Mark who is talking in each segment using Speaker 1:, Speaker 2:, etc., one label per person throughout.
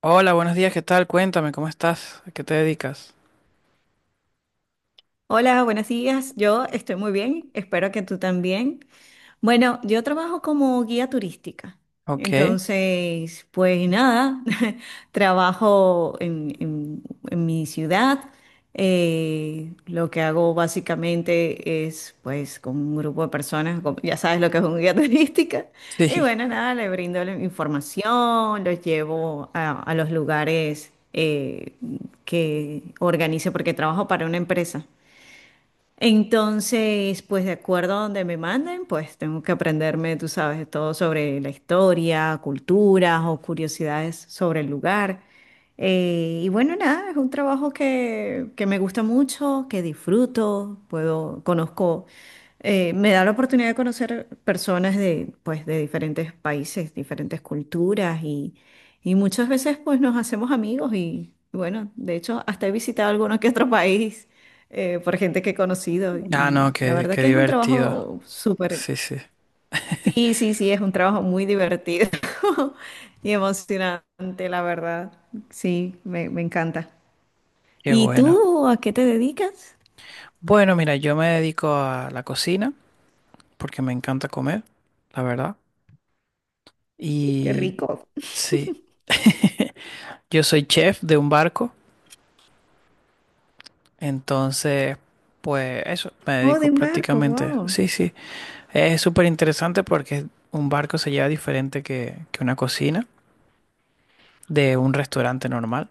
Speaker 1: Hola, buenos días, ¿qué tal? Cuéntame, ¿cómo estás? ¿A qué te dedicas?
Speaker 2: Hola, buenos días. Yo estoy muy bien, espero que tú también. Bueno, yo trabajo como guía turística.
Speaker 1: Ok.
Speaker 2: Entonces, pues nada, trabajo en mi ciudad. Lo que hago básicamente es, pues, con un grupo de personas, ya sabes lo que es un guía turística. Y
Speaker 1: Sí.
Speaker 2: bueno, nada, le brindo la información, los llevo a los lugares que organice, porque trabajo para una empresa. Entonces, pues de acuerdo a donde me manden, pues tengo que aprenderme, tú sabes, todo sobre la historia, culturas o curiosidades sobre el lugar. Y bueno, nada, es un trabajo que me gusta mucho, que disfruto, puedo, conozco, me da la oportunidad de conocer personas de, pues, de diferentes países, diferentes culturas y muchas veces pues nos hacemos amigos y bueno, de hecho hasta he visitado alguno que otro país por gente que he conocido
Speaker 1: Ah,
Speaker 2: y
Speaker 1: no,
Speaker 2: la
Speaker 1: qué,
Speaker 2: verdad
Speaker 1: qué
Speaker 2: que es un
Speaker 1: divertido.
Speaker 2: trabajo súper.
Speaker 1: Sí, sí,
Speaker 2: Sí, sí, sí, es un trabajo muy divertido y emocionante, la verdad. Sí, me encanta.
Speaker 1: qué
Speaker 2: ¿Y
Speaker 1: bueno.
Speaker 2: tú a qué te dedicas?
Speaker 1: Bueno, mira, yo me dedico a la cocina porque me encanta comer, la verdad.
Speaker 2: Qué
Speaker 1: Y
Speaker 2: rico.
Speaker 1: sí, yo soy chef de un barco, entonces, pues eso, me
Speaker 2: Oh, de
Speaker 1: dedico
Speaker 2: embarco,
Speaker 1: prácticamente.
Speaker 2: wow.
Speaker 1: Sí, sí, es súper interesante porque un barco se lleva diferente que una cocina de un restaurante normal.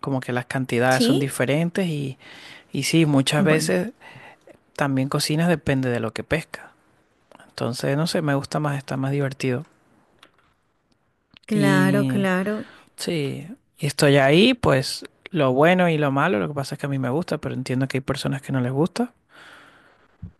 Speaker 1: Como que las cantidades son
Speaker 2: Sí,
Speaker 1: diferentes y sí, muchas
Speaker 2: bueno,
Speaker 1: veces también cocinas depende de lo que pesca. Entonces, no sé, me gusta más, está más divertido.
Speaker 2: claro,
Speaker 1: Y
Speaker 2: claro.
Speaker 1: sí, y estoy ahí, pues lo bueno y lo malo, lo que pasa es que a mí me gusta, pero entiendo que hay personas que no les gusta.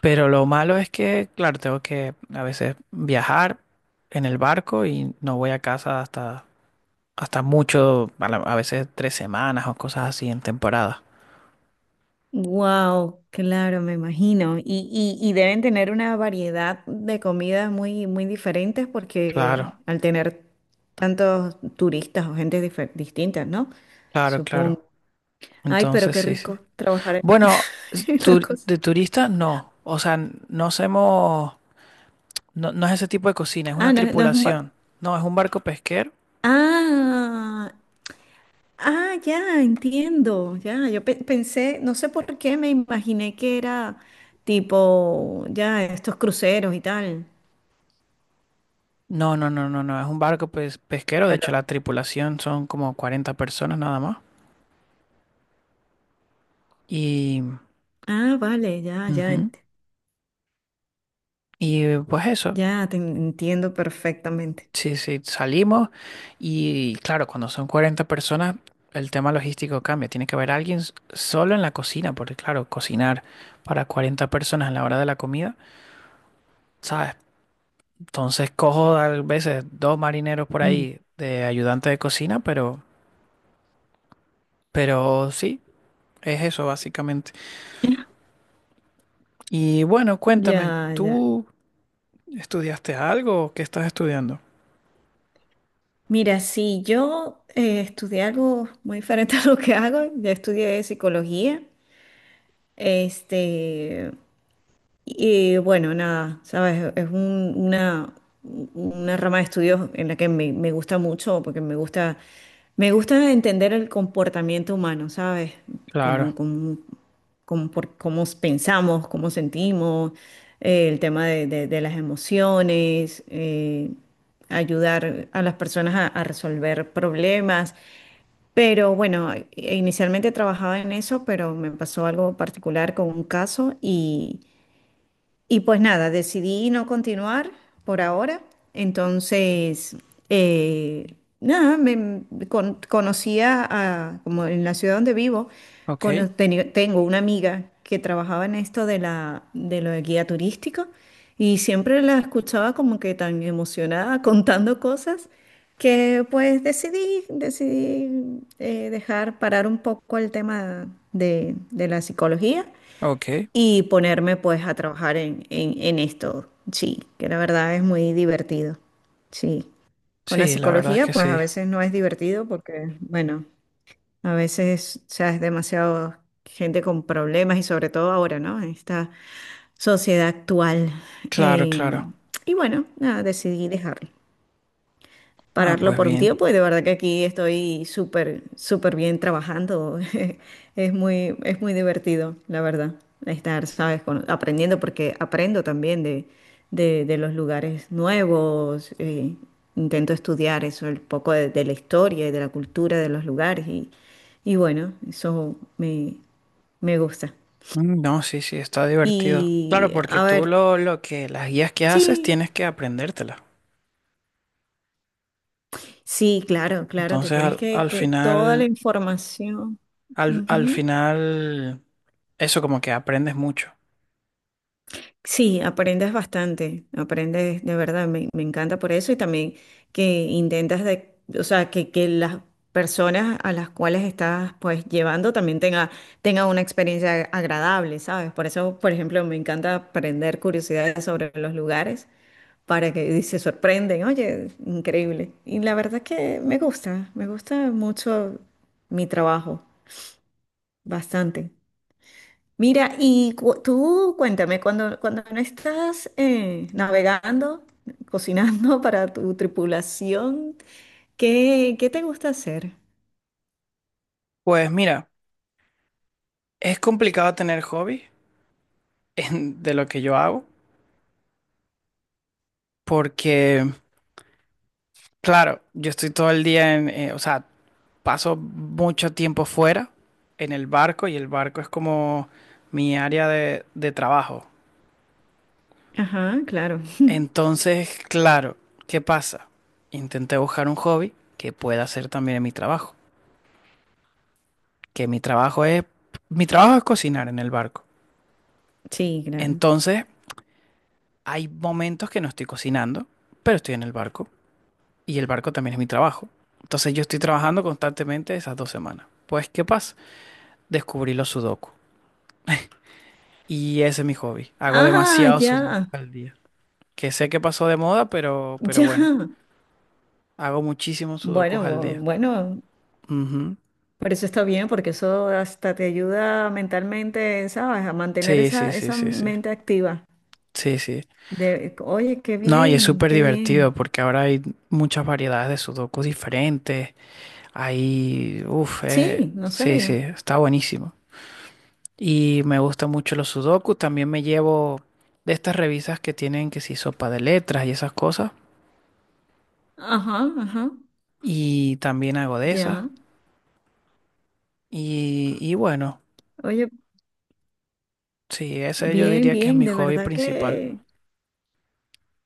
Speaker 1: Pero lo malo es que, claro, tengo que a veces viajar en el barco y no voy a casa hasta mucho, a, a veces 3 semanas o cosas así en temporada.
Speaker 2: Wow, claro, me imagino. Y deben tener una variedad de comidas muy, muy diferentes porque
Speaker 1: Claro,
Speaker 2: al tener tantos turistas o gente distintas, ¿no?
Speaker 1: claro, claro.
Speaker 2: Supongo. Ay, pero
Speaker 1: Entonces,
Speaker 2: qué
Speaker 1: sí, sí.
Speaker 2: rico trabajar en
Speaker 1: Bueno,
Speaker 2: en la cosa.
Speaker 1: de turistas no. O sea, no hacemos, no, no es ese tipo de cocina, es una
Speaker 2: Ah, no, no es un
Speaker 1: tripulación.
Speaker 2: ba-
Speaker 1: No, es un barco pesquero.
Speaker 2: Ah, ah, ya, entiendo. Ya, yo pensé, no sé por qué me imaginé que era tipo, ya, estos cruceros y tal.
Speaker 1: No, no, no, no, no, es un barco pesquero.
Speaker 2: A
Speaker 1: De hecho,
Speaker 2: lo-
Speaker 1: la tripulación son como 40 personas nada más. Y,
Speaker 2: Ah, vale, ya, ya.
Speaker 1: ujú, y pues eso,
Speaker 2: Ya, te entiendo perfectamente.
Speaker 1: sí, sí, salimos. Y claro, cuando son 40 personas, el tema logístico cambia. Tiene que haber solo en la cocina, porque claro, cocinar para 40 personas a la hora de la comida. ¿Sabes? Entonces cojo a veces 2 marineros por
Speaker 2: Mm,
Speaker 1: ahí de ayudante de cocina, pero sí, es eso básicamente. Y bueno, cuéntame,
Speaker 2: ya, ya.
Speaker 1: ¿tú estudiaste algo o qué estás estudiando?
Speaker 2: Mira, si yo estudié algo muy diferente a lo que hago, ya estudié psicología. Este, y bueno, nada, sabes, es una rama de estudios en la que me gusta mucho, porque me gusta entender el comportamiento humano, ¿sabes? Como,
Speaker 1: Claro,
Speaker 2: como, cómo pensamos, cómo sentimos, el tema de las emociones, ayudar a las personas a resolver problemas. Pero bueno, inicialmente trabajaba en eso, pero me pasó algo particular con un caso y pues nada, decidí no continuar por ahora. Entonces, eh, nada, me conocía a, como en la ciudad donde vivo,
Speaker 1: ok,
Speaker 2: tengo una amiga que trabajaba en esto de la, de lo de guía turístico y siempre la escuchaba como que tan emocionada contando cosas que pues decidí dejar parar un poco el tema de la psicología
Speaker 1: ok.
Speaker 2: y ponerme pues a trabajar en esto, sí, que la verdad es muy divertido, sí. Con la
Speaker 1: Sí, la verdad es que
Speaker 2: psicología pues a
Speaker 1: sí.
Speaker 2: veces no es divertido porque, bueno, a veces, o sea, es demasiado gente con problemas y sobre todo ahora, ¿no? En esta sociedad actual.
Speaker 1: Claro,
Speaker 2: eh,
Speaker 1: claro.
Speaker 2: y bueno, nada, decidí dejarlo
Speaker 1: Ah,
Speaker 2: pararlo
Speaker 1: pues
Speaker 2: por un
Speaker 1: bien.
Speaker 2: tiempo y de verdad que aquí estoy súper, súper bien trabajando. Es muy divertido, la verdad, estar, ¿sabes? Aprendiendo porque aprendo también de los lugares nuevos. Intento estudiar eso, el poco de la historia y de la cultura de los lugares y bueno, eso me gusta.
Speaker 1: Mm, no, sí, sí, está divertido. Claro,
Speaker 2: Y
Speaker 1: porque
Speaker 2: a
Speaker 1: tú
Speaker 2: ver,
Speaker 1: lo que, las guías que haces
Speaker 2: sí,
Speaker 1: tienes que aprendértelas.
Speaker 2: sí, claro, claro, te
Speaker 1: Entonces
Speaker 2: tienes
Speaker 1: al,
Speaker 2: que,
Speaker 1: al
Speaker 2: que toda la
Speaker 1: final,
Speaker 2: información.
Speaker 1: al, al
Speaker 2: Ujú.
Speaker 1: final, eso como que aprendes mucho.
Speaker 2: Sí, aprendes bastante, aprendes de verdad, me encanta por eso y también que intentas de, o sea, que las personas a las cuales estás pues llevando también tenga una experiencia agradable, ¿sabes? Por eso, por ejemplo, me encanta aprender curiosidades sobre los lugares para que y se sorprenden, oye, increíble. Y la verdad que me gusta mucho mi trabajo, bastante. Mira, y tú cuéntame, cuando no estás navegando, cocinando para tu tripulación, ¿qué te gusta hacer?
Speaker 1: Pues mira. Es complicado tener hobbies de lo que yo hago porque, claro, yo estoy todo el día o sea, paso mucho tiempo fuera en el barco y el barco es como mi área de trabajo.
Speaker 2: Ajá, claro.
Speaker 1: Entonces, claro, ¿qué pasa? Intenté buscar un hobby que pueda hacer también en mi trabajo, que mi trabajo es cocinar en el barco.
Speaker 2: Sí, claro.
Speaker 1: Entonces, hay momentos que no estoy cocinando, pero estoy en el barco. Y el barco también es mi trabajo. Entonces yo estoy trabajando constantemente esas 2 semanas. Pues, ¿qué pasa? Descubrí los sudoku. Y ese es mi hobby. Hago
Speaker 2: Ah,
Speaker 1: demasiados sudokus
Speaker 2: ya,
Speaker 1: al día. Que sé que pasó de moda, pero bueno,
Speaker 2: ya.
Speaker 1: hago muchísimos
Speaker 2: Bueno,
Speaker 1: sudokus al día.
Speaker 2: bueno,
Speaker 1: Ujú.
Speaker 2: por eso está bien, porque eso hasta te ayuda mentalmente, ¿sabes? A mantener
Speaker 1: Sí, sí,
Speaker 2: esa,
Speaker 1: sí,
Speaker 2: esa
Speaker 1: sí, sí.
Speaker 2: mente activa.
Speaker 1: Sí, sí.
Speaker 2: Oye, qué
Speaker 1: No, y es
Speaker 2: bien,
Speaker 1: súper
Speaker 2: qué
Speaker 1: divertido
Speaker 2: bien.
Speaker 1: porque ahora hay muchas variedades de sudokus diferentes. Hay, uff,
Speaker 2: Sí, no
Speaker 1: sí, sí,
Speaker 2: sabía.
Speaker 1: está buenísimo. Y me gusta mucho los sudokus. También me llevo de estas revistas que tienen que si sopa de letras y esas cosas.
Speaker 2: Ajá, ajá,
Speaker 1: Y también hago de esas.
Speaker 2: ya.
Speaker 1: Y bueno,
Speaker 2: Oye,
Speaker 1: sí, ese yo
Speaker 2: bien,
Speaker 1: diría que es
Speaker 2: bien,
Speaker 1: mi
Speaker 2: de
Speaker 1: hobby
Speaker 2: verdad
Speaker 1: principal.
Speaker 2: que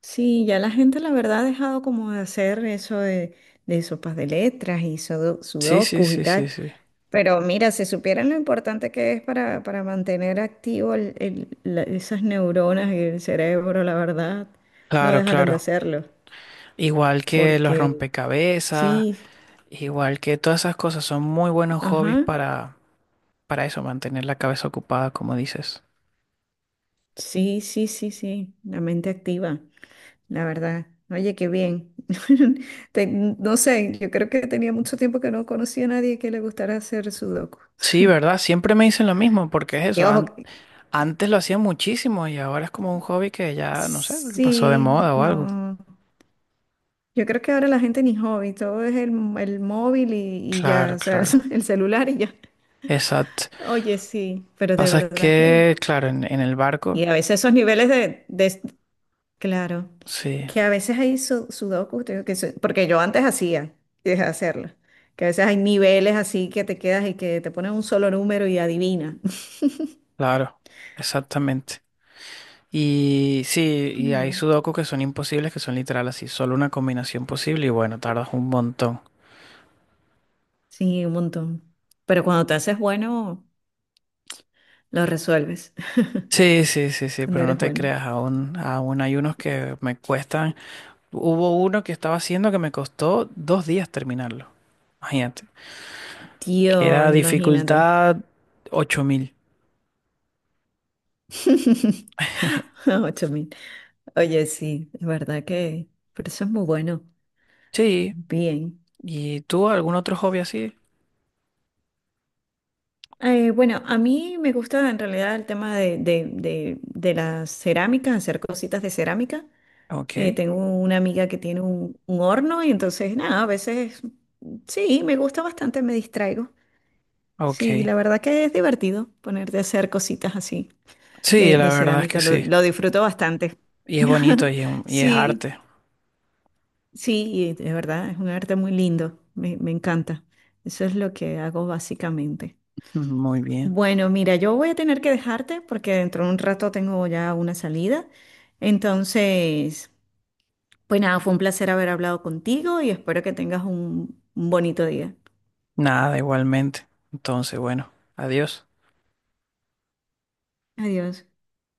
Speaker 2: sí, ya la gente la verdad ha dejado como de hacer eso de sopas de letras y
Speaker 1: Sí, sí,
Speaker 2: sudokus y
Speaker 1: sí, sí,
Speaker 2: tal.
Speaker 1: sí.
Speaker 2: Pero mira, si supieran lo importante que es para mantener activo esas neuronas y el cerebro, la verdad, no
Speaker 1: Claro,
Speaker 2: dejaran de
Speaker 1: claro.
Speaker 2: hacerlo.
Speaker 1: Igual que los
Speaker 2: Porque
Speaker 1: rompecabezas,
Speaker 2: sí,
Speaker 1: igual que todas esas cosas son muy buenos hobbies
Speaker 2: ajá,
Speaker 1: para eso, mantener la cabeza ocupada, como dices.
Speaker 2: sí, sí, sí, sí, la mente activa. La verdad. Oye, qué bien. No sé, yo creo que tenía mucho tiempo que no conocía a nadie que le gustara hacer sudoku.
Speaker 1: Sí, ¿verdad? Siempre me dicen lo mismo, porque es
Speaker 2: Y
Speaker 1: eso.
Speaker 2: ojo,
Speaker 1: Antes lo hacía muchísimo y ahora es como un hobby que ya, no sé, pasó de
Speaker 2: sí,
Speaker 1: moda o algo.
Speaker 2: no. Yo creo que ahora la gente ni hobby, todo es el móvil y ya,
Speaker 1: Claro,
Speaker 2: o sea,
Speaker 1: claro.
Speaker 2: el celular y ya.
Speaker 1: Exacto.
Speaker 2: Oye, sí, pero de
Speaker 1: Pasa es
Speaker 2: verdad que.
Speaker 1: que, claro, en, en el barco,
Speaker 2: Y a veces esos niveles de. Claro,
Speaker 1: sí,
Speaker 2: que, a veces hay sudokus, te digo que porque yo antes hacía y dejé de hacerlo, que a veces hay niveles así que te quedas y que te ponen un solo número y adivina.
Speaker 1: claro, exactamente. Y sí, y hay
Speaker 2: No.
Speaker 1: sudokus que son imposibles, que son literal así, solo una combinación posible y bueno, tardas un montón.
Speaker 2: Sí, un montón. Pero cuando te haces bueno, lo resuelves,
Speaker 1: Sí, sí, sí, sí,
Speaker 2: cuando
Speaker 1: pero no
Speaker 2: eres
Speaker 1: te
Speaker 2: bueno.
Speaker 1: creas, aún hay unos que me cuestan. Hubo uno que estaba haciendo que me costó 2 días terminarlo. Imagínate. Que era
Speaker 2: Dios, imagínate.
Speaker 1: dificultad 8000.
Speaker 2: 8000. Oye, sí, es verdad que, pero eso es muy bueno.
Speaker 1: Sí,
Speaker 2: Bien.
Speaker 1: ¿y tú algún otro hobby así?
Speaker 2: Bueno, a mí me gusta en realidad el tema de las cerámicas, hacer cositas de cerámica.
Speaker 1: Ok,
Speaker 2: Tengo una amiga que tiene un horno y entonces, nada, a veces sí, me gusta bastante, me distraigo. Sí,
Speaker 1: ok.
Speaker 2: la verdad que es divertido ponerte a hacer cositas así
Speaker 1: Sí,
Speaker 2: de
Speaker 1: la verdad es que
Speaker 2: cerámica, lo,
Speaker 1: sí.
Speaker 2: lo disfruto bastante.
Speaker 1: Y es bonito y es
Speaker 2: Sí,
Speaker 1: arte.
Speaker 2: sí, de verdad, es un arte muy lindo, me encanta. Eso es lo que hago básicamente.
Speaker 1: Muy bien.
Speaker 2: Bueno, mira, yo voy a tener que dejarte porque dentro de un rato tengo ya una salida. Entonces, pues nada, fue un placer haber hablado contigo y espero que tengas un bonito día.
Speaker 1: Nada, igualmente. Entonces, bueno, adiós.
Speaker 2: Adiós.